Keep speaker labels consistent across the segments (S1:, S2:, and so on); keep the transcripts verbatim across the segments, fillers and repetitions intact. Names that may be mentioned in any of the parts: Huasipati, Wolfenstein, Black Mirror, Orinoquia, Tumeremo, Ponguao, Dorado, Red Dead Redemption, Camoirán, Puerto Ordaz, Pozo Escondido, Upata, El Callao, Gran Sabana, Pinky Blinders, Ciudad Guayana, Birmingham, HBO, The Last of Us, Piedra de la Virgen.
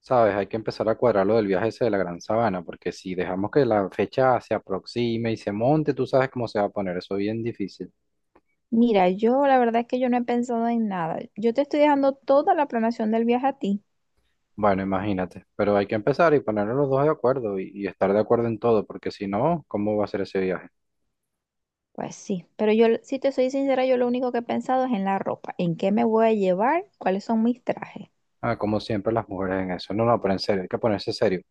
S1: ¿Sabes? Hay que empezar a cuadrar lo del viaje ese de la Gran Sabana, porque si dejamos que la fecha se aproxime y se monte, tú sabes cómo se va a poner, eso es bien difícil.
S2: Mira, yo la verdad es que yo no he pensado en nada. Yo te estoy dejando toda la planeación del viaje a ti.
S1: Bueno, imagínate, pero hay que empezar y ponernos los dos de acuerdo y, y estar de acuerdo en todo, porque si no, ¿cómo va a ser ese viaje?
S2: Pues sí, pero yo, si te soy sincera, yo lo único que he pensado es en la ropa, en qué me voy a llevar, cuáles son mis trajes.
S1: Ah, como siempre las mujeres en eso. No, no, pero en serio, hay que ponerse serio.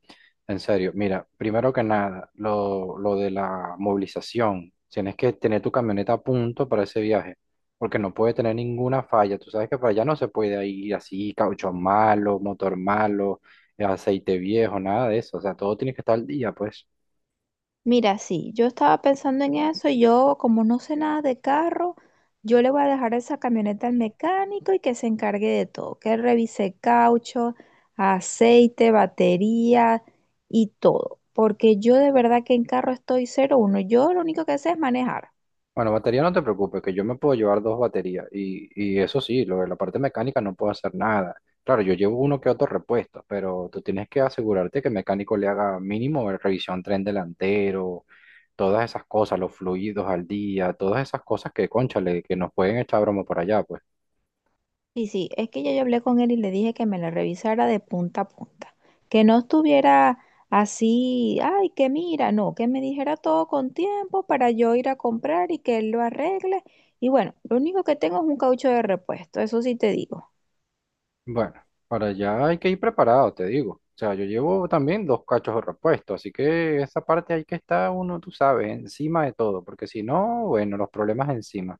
S1: En serio, mira, primero que nada, lo, lo de la movilización. Tienes que tener tu camioneta a punto para ese viaje, porque no puede tener ninguna falla. Tú sabes que para allá no se puede ir así, caucho malo, motor malo, eh, aceite viejo, nada de eso. O sea, todo tiene que estar al día, pues.
S2: Mira, sí, yo estaba pensando en eso y yo, como no sé nada de carro, yo le voy a dejar esa camioneta al mecánico y que se encargue de todo, que revise caucho, aceite, batería y todo, porque yo de verdad que en carro estoy cero uno. Yo lo único que sé es manejar.
S1: Bueno, batería no te preocupes, que yo me puedo llevar dos baterías. Y, y eso sí, lo de la parte mecánica no puedo hacer nada. Claro, yo llevo uno que otro repuesto, pero tú tienes que asegurarte que el mecánico le haga mínimo revisión tren delantero todas esas cosas, los fluidos al día, todas esas cosas que, cónchale, que nos pueden echar broma por allá, pues.
S2: Sí, sí, es que ya yo hablé con él y le dije que me la revisara de punta a punta, que no estuviera así, ay, que mira, no, que me dijera todo con tiempo para yo ir a comprar y que él lo arregle. Y bueno, lo único que tengo es un caucho de repuesto, eso sí te digo.
S1: Bueno, para allá hay que ir preparado, te digo. O sea, yo llevo también dos cachos de repuesto, así que esa parte hay que estar uno, tú sabes, encima de todo, porque si no, bueno, los problemas encima.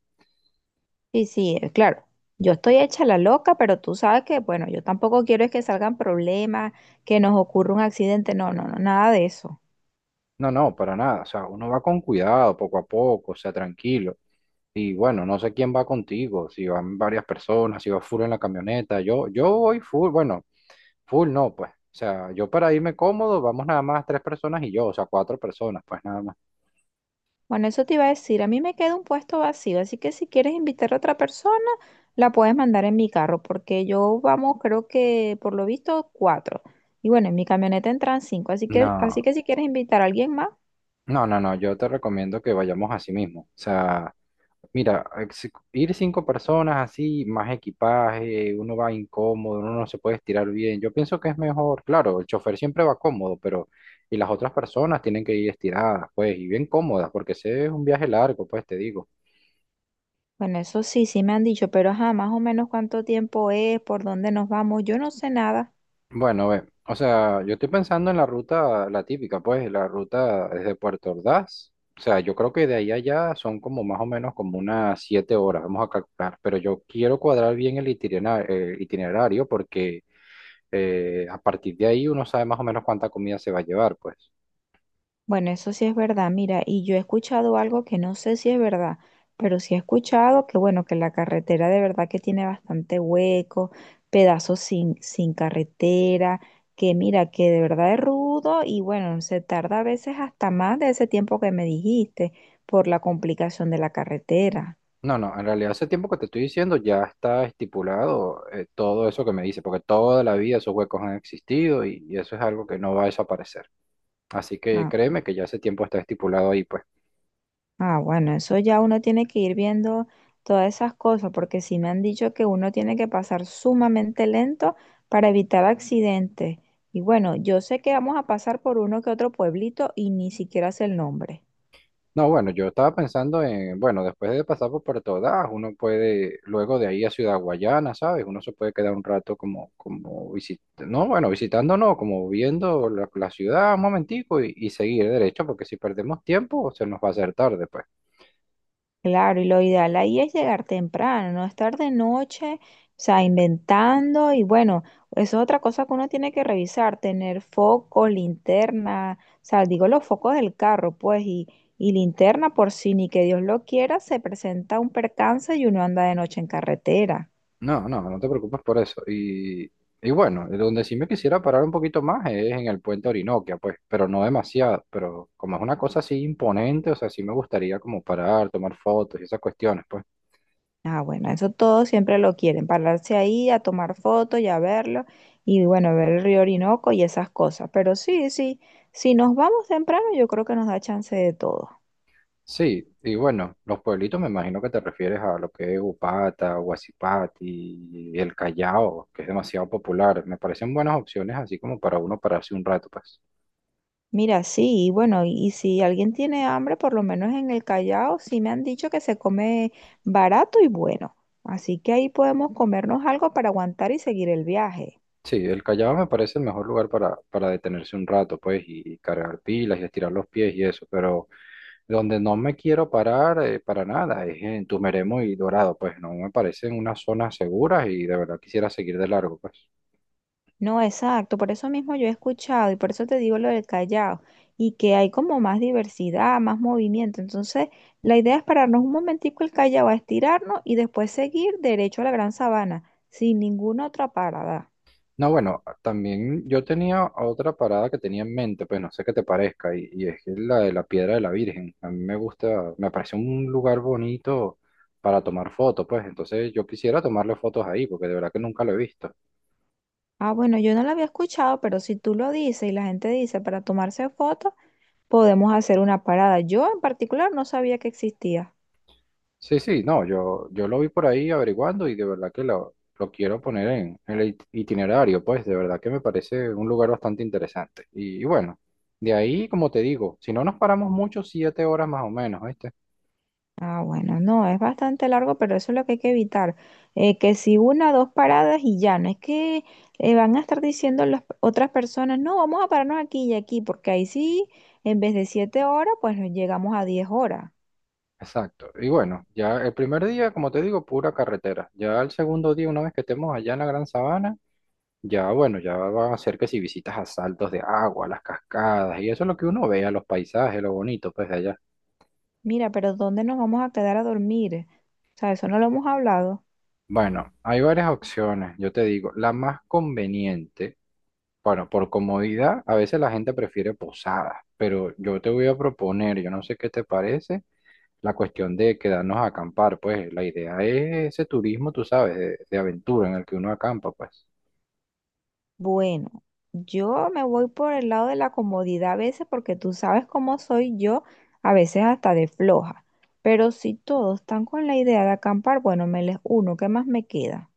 S2: Sí, sí, eh, claro, yo estoy hecha la loca, pero tú sabes que, bueno, yo tampoco quiero es que salgan problemas, que nos ocurra un accidente, no, no, no, nada de eso.
S1: No, no, para nada. O sea, uno va con cuidado, poco a poco, o sea, tranquilo. Y bueno, no sé quién va contigo, si van varias personas, si va full en la camioneta. Yo, yo voy full, bueno, full no, pues. O sea, yo para irme cómodo, vamos nada más tres personas y yo, o sea, cuatro personas, pues nada más.
S2: Bueno, eso te iba a decir, a mí me queda un puesto vacío, así que si quieres invitar a otra persona, la puedes mandar en mi carro, porque yo vamos, creo que por lo visto cuatro. Y bueno, en mi camioneta entran cinco, así que, así
S1: No,
S2: que si quieres invitar a alguien más,
S1: no, no, no, yo te recomiendo que vayamos así mismo. O sea, mira, ex- ir cinco personas así, más equipaje, uno va incómodo, uno no se puede estirar bien. Yo pienso que es mejor, claro, el chofer siempre va cómodo, pero y las otras personas tienen que ir estiradas, pues, y bien cómodas, porque ese es un viaje largo, pues, te digo.
S2: bueno, eso sí, sí me han dicho, pero ajá, más o menos cuánto tiempo es, por dónde nos vamos, yo no sé nada.
S1: Bueno, ve, o sea, yo estoy pensando en la ruta, la típica, pues, la ruta desde Puerto Ordaz. O sea, yo creo que de ahí a allá son como más o menos como unas siete horas, vamos a calcular. Pero yo quiero cuadrar bien el itinera- el itinerario porque eh, a partir de ahí uno sabe más o menos cuánta comida se va a llevar, pues.
S2: Bueno, eso sí es verdad. Mira, y yo he escuchado algo que no sé si es verdad, pero sí he escuchado que, bueno, que la carretera de verdad que tiene bastante hueco, pedazos sin, sin carretera, que mira, que de verdad es rudo y bueno, se tarda a veces hasta más de ese tiempo que me dijiste por la complicación de la carretera.
S1: No, no, en realidad ese tiempo que te estoy diciendo ya está estipulado eh, todo eso que me dice, porque toda la vida esos huecos han existido y y eso es algo que no va a desaparecer. Así que
S2: Ah.
S1: créeme que ya ese tiempo está estipulado ahí, pues.
S2: Ah, bueno, eso ya uno tiene que ir viendo todas esas cosas, porque sí me han dicho que uno tiene que pasar sumamente lento para evitar accidentes. Y bueno, yo sé que vamos a pasar por uno que otro pueblito y ni siquiera sé el nombre.
S1: No, bueno, yo estaba pensando en, bueno, después de pasar por Puerto Ordaz, uno puede, luego de ahí a Ciudad Guayana, ¿sabes? Uno se puede quedar un rato como, como visitando, no, bueno, visitando no, como viendo la, la ciudad un momentico y, y seguir derecho, porque si perdemos tiempo se nos va a hacer tarde, pues.
S2: Claro, y lo ideal ahí es llegar temprano, no estar de noche, o sea, inventando y bueno, eso es otra cosa que uno tiene que revisar, tener foco, linterna, o sea, digo los focos del carro, pues, y, y linterna por si ni que Dios lo quiera, se presenta un percance y uno anda de noche en carretera.
S1: No, no, no te preocupes por eso. Y, y bueno, donde sí me quisiera parar un poquito más es en el puente Orinoquia, pues, pero no demasiado, pero como es una cosa así imponente, o sea, sí me gustaría como parar, tomar fotos y esas cuestiones, pues.
S2: Ah, bueno, eso todos siempre lo quieren, pararse ahí a tomar fotos y a verlo y bueno, ver el río Orinoco y esas cosas, pero sí, sí, si nos vamos temprano yo creo que nos da chance de todo.
S1: Sí, y bueno, los pueblitos me imagino que te refieres a lo que es Upata, Huasipati, El Callao, que es demasiado popular. Me parecen buenas opciones así como para uno pararse un rato, pues.
S2: Mira, sí, y bueno, y, y si alguien tiene hambre, por lo menos en el Callao, sí me han dicho que se come barato y bueno. Así que ahí podemos comernos algo para aguantar y seguir el viaje.
S1: Sí, El Callao me parece el mejor lugar para, para detenerse un rato, pues, y, y cargar pilas y estirar los pies y eso, pero donde no me quiero parar eh, para nada es en Tumeremo y Dorado, pues no me parecen unas zonas seguras y de verdad quisiera seguir de largo, pues.
S2: No, exacto, por eso mismo yo he escuchado y por eso te digo lo del Callao, y que hay como más diversidad, más movimiento. Entonces, la idea es pararnos un momentico el Callao a estirarnos y después seguir derecho a la Gran Sabana, sin ninguna otra parada.
S1: No, bueno, también yo tenía otra parada que tenía en mente, pues no sé qué te parezca, y, y es que la de la Piedra de la Virgen. A mí me gusta, me parece un lugar bonito para tomar fotos, pues entonces yo quisiera tomarle fotos ahí, porque de verdad que nunca lo he visto.
S2: Ah, bueno, yo no la había escuchado, pero si tú lo dices y la gente dice para tomarse fotos, podemos hacer una parada. Yo en particular no sabía que existía.
S1: Sí, sí, no, yo, yo lo vi por ahí averiguando y de verdad que lo, lo quiero poner en, en el it- itinerario, pues de verdad que me parece un lugar bastante interesante. Y, y bueno, de ahí, como te digo, si no nos paramos mucho, siete horas más o menos, ¿viste?
S2: Ah, bueno, no, es bastante largo, pero eso es lo que hay que evitar. Eh, que si una, dos paradas y ya, no es que eh, van a estar diciendo las otras personas, no, vamos a pararnos aquí y aquí, porque ahí sí, en vez de siete horas, pues nos llegamos a diez horas.
S1: Exacto. Y bueno, ya el primer día, como te digo, pura carretera. Ya el segundo día, una vez que estemos allá en la Gran Sabana, ya bueno, ya van a ser que si visitas a saltos de agua, las cascadas, y eso es lo que uno ve, a los paisajes, lo bonito, pues de allá.
S2: Mira, pero ¿dónde nos vamos a quedar a dormir? O sea, eso no lo hemos hablado.
S1: Bueno, hay varias opciones, yo te digo, la más conveniente, bueno, por comodidad, a veces la gente prefiere posadas, pero yo te voy a proponer, yo no sé qué te parece, la cuestión de quedarnos a acampar, pues la idea es ese turismo, tú sabes, de de aventura en el que uno acampa, pues.
S2: Bueno, yo me voy por el lado de la comodidad a veces porque tú sabes cómo soy yo, a veces hasta de floja. Pero si todos están con la idea de acampar, bueno, me les uno, ¿qué más me queda?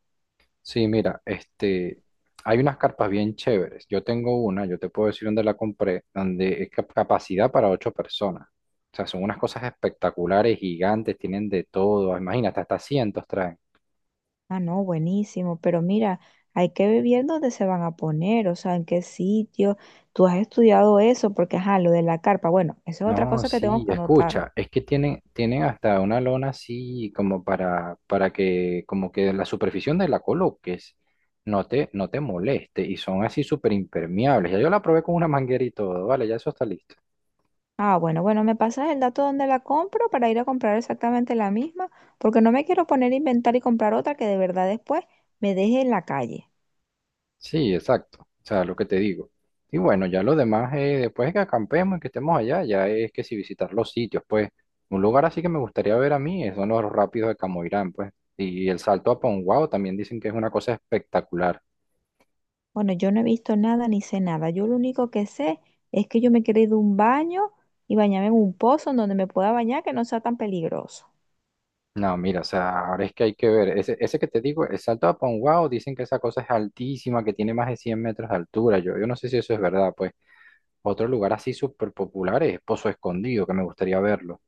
S1: Sí, mira, este, hay unas carpas bien chéveres. Yo tengo una, yo te puedo decir dónde la compré, donde es cap- capacidad para ocho personas. O sea, son unas cosas espectaculares, gigantes, tienen de todo. Imagínate, hasta cientos traen.
S2: Ah, no, buenísimo, pero mira, hay que ver bien dónde se van a poner, o sea, en qué sitio. Tú has estudiado eso porque, ajá, lo de la carpa, bueno, eso es otra
S1: No,
S2: cosa que tengo
S1: sí,
S2: que anotar.
S1: escucha, es que tienen, tienen hasta una lona así como para, para que, como que la superficie de la coloques no te, no te moleste y son así súper impermeables. Ya yo la probé con una manguera y todo, vale, ya eso está listo.
S2: Ah, bueno, bueno, me pasas el dato donde la compro para ir a comprar exactamente la misma, porque no me quiero poner a inventar y comprar otra que de verdad después me deje en la calle.
S1: Sí, exacto. O sea, lo que te digo. Y bueno, ya lo demás, eh, después de que acampemos y que estemos allá, ya es que si visitar los sitios, pues, un lugar así que me gustaría ver a mí, eh, son los rápidos de Camoirán, pues. Y el salto a Ponguao también dicen que es una cosa espectacular.
S2: Bueno, yo no he visto nada ni sé nada. Yo lo único que sé es que yo me quiero ir de un baño y bañarme en un pozo en donde me pueda bañar que no sea tan peligroso.
S1: No, mira, o sea, ahora es que hay que ver. Ese, ese que te digo, el salto a Ponguao, dicen que esa cosa es altísima, que tiene más de cien metros de altura. Yo, yo no sé si eso es verdad, pues. Otro lugar así súper popular es Pozo Escondido, que me gustaría verlo.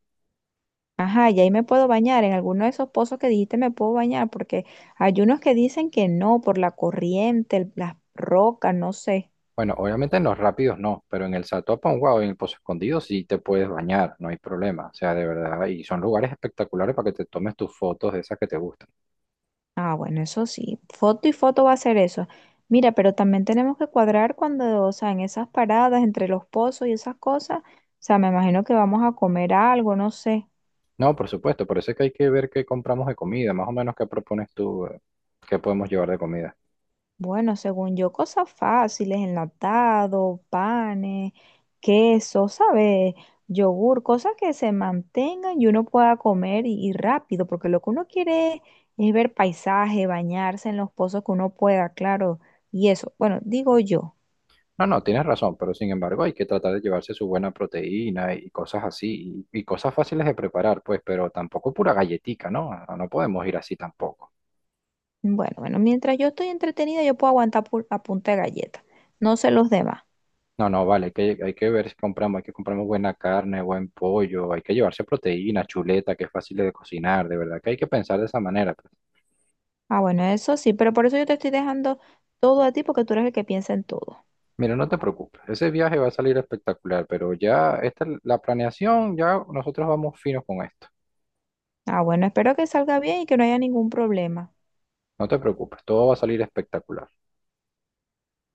S2: Ajá, y ahí me puedo bañar. En alguno de esos pozos que dijiste me puedo bañar, porque hay unos que dicen que no, por la corriente, el- las rocas, no sé.
S1: Bueno, obviamente en los rápidos no, pero en el Salto wow, en el Pozo Escondido sí te puedes bañar, no hay problema. O sea, de verdad, y son lugares espectaculares para que te tomes tus fotos de esas que te gustan.
S2: Ah, bueno, eso sí, foto y foto va a ser eso. Mira, pero también tenemos que cuadrar cuando, o sea, en esas paradas, entre los pozos y esas cosas, o sea, me imagino que vamos a comer algo, no sé.
S1: No, por supuesto, por eso es que hay que ver qué compramos de comida, más o menos qué propones tú, eh, qué podemos llevar de comida.
S2: Bueno, según yo, cosas fáciles, enlatado, panes, queso, ¿sabes? Yogur, cosas que se mantengan y uno pueda comer y, y rápido, porque lo que uno quiere es, es ver paisaje, bañarse en los pozos que uno pueda, claro, y eso, bueno, digo yo.
S1: No, no, tienes razón, pero sin embargo hay que tratar de llevarse su buena proteína y cosas así, y, y cosas fáciles de preparar, pues, pero tampoco pura galletica, ¿no? No no podemos ir así tampoco.
S2: Bueno, bueno, mientras yo estoy entretenida, yo puedo aguantar pu- a punta de galleta. No sé los demás.
S1: No, no, vale, hay que, hay que ver si compramos, hay que compramos buena carne, buen pollo, hay que llevarse proteína, chuleta, que es fácil de cocinar, de verdad que hay que pensar de esa manera. Pues.
S2: Ah, bueno, eso sí, pero por eso yo te estoy dejando todo a ti porque tú eres el que piensa en todo.
S1: Mira, no te preocupes, ese viaje va a salir espectacular, pero ya esta, la planeación, ya nosotros vamos finos con esto.
S2: Ah, bueno, espero que salga bien y que no haya ningún problema.
S1: No te preocupes, todo va a salir espectacular.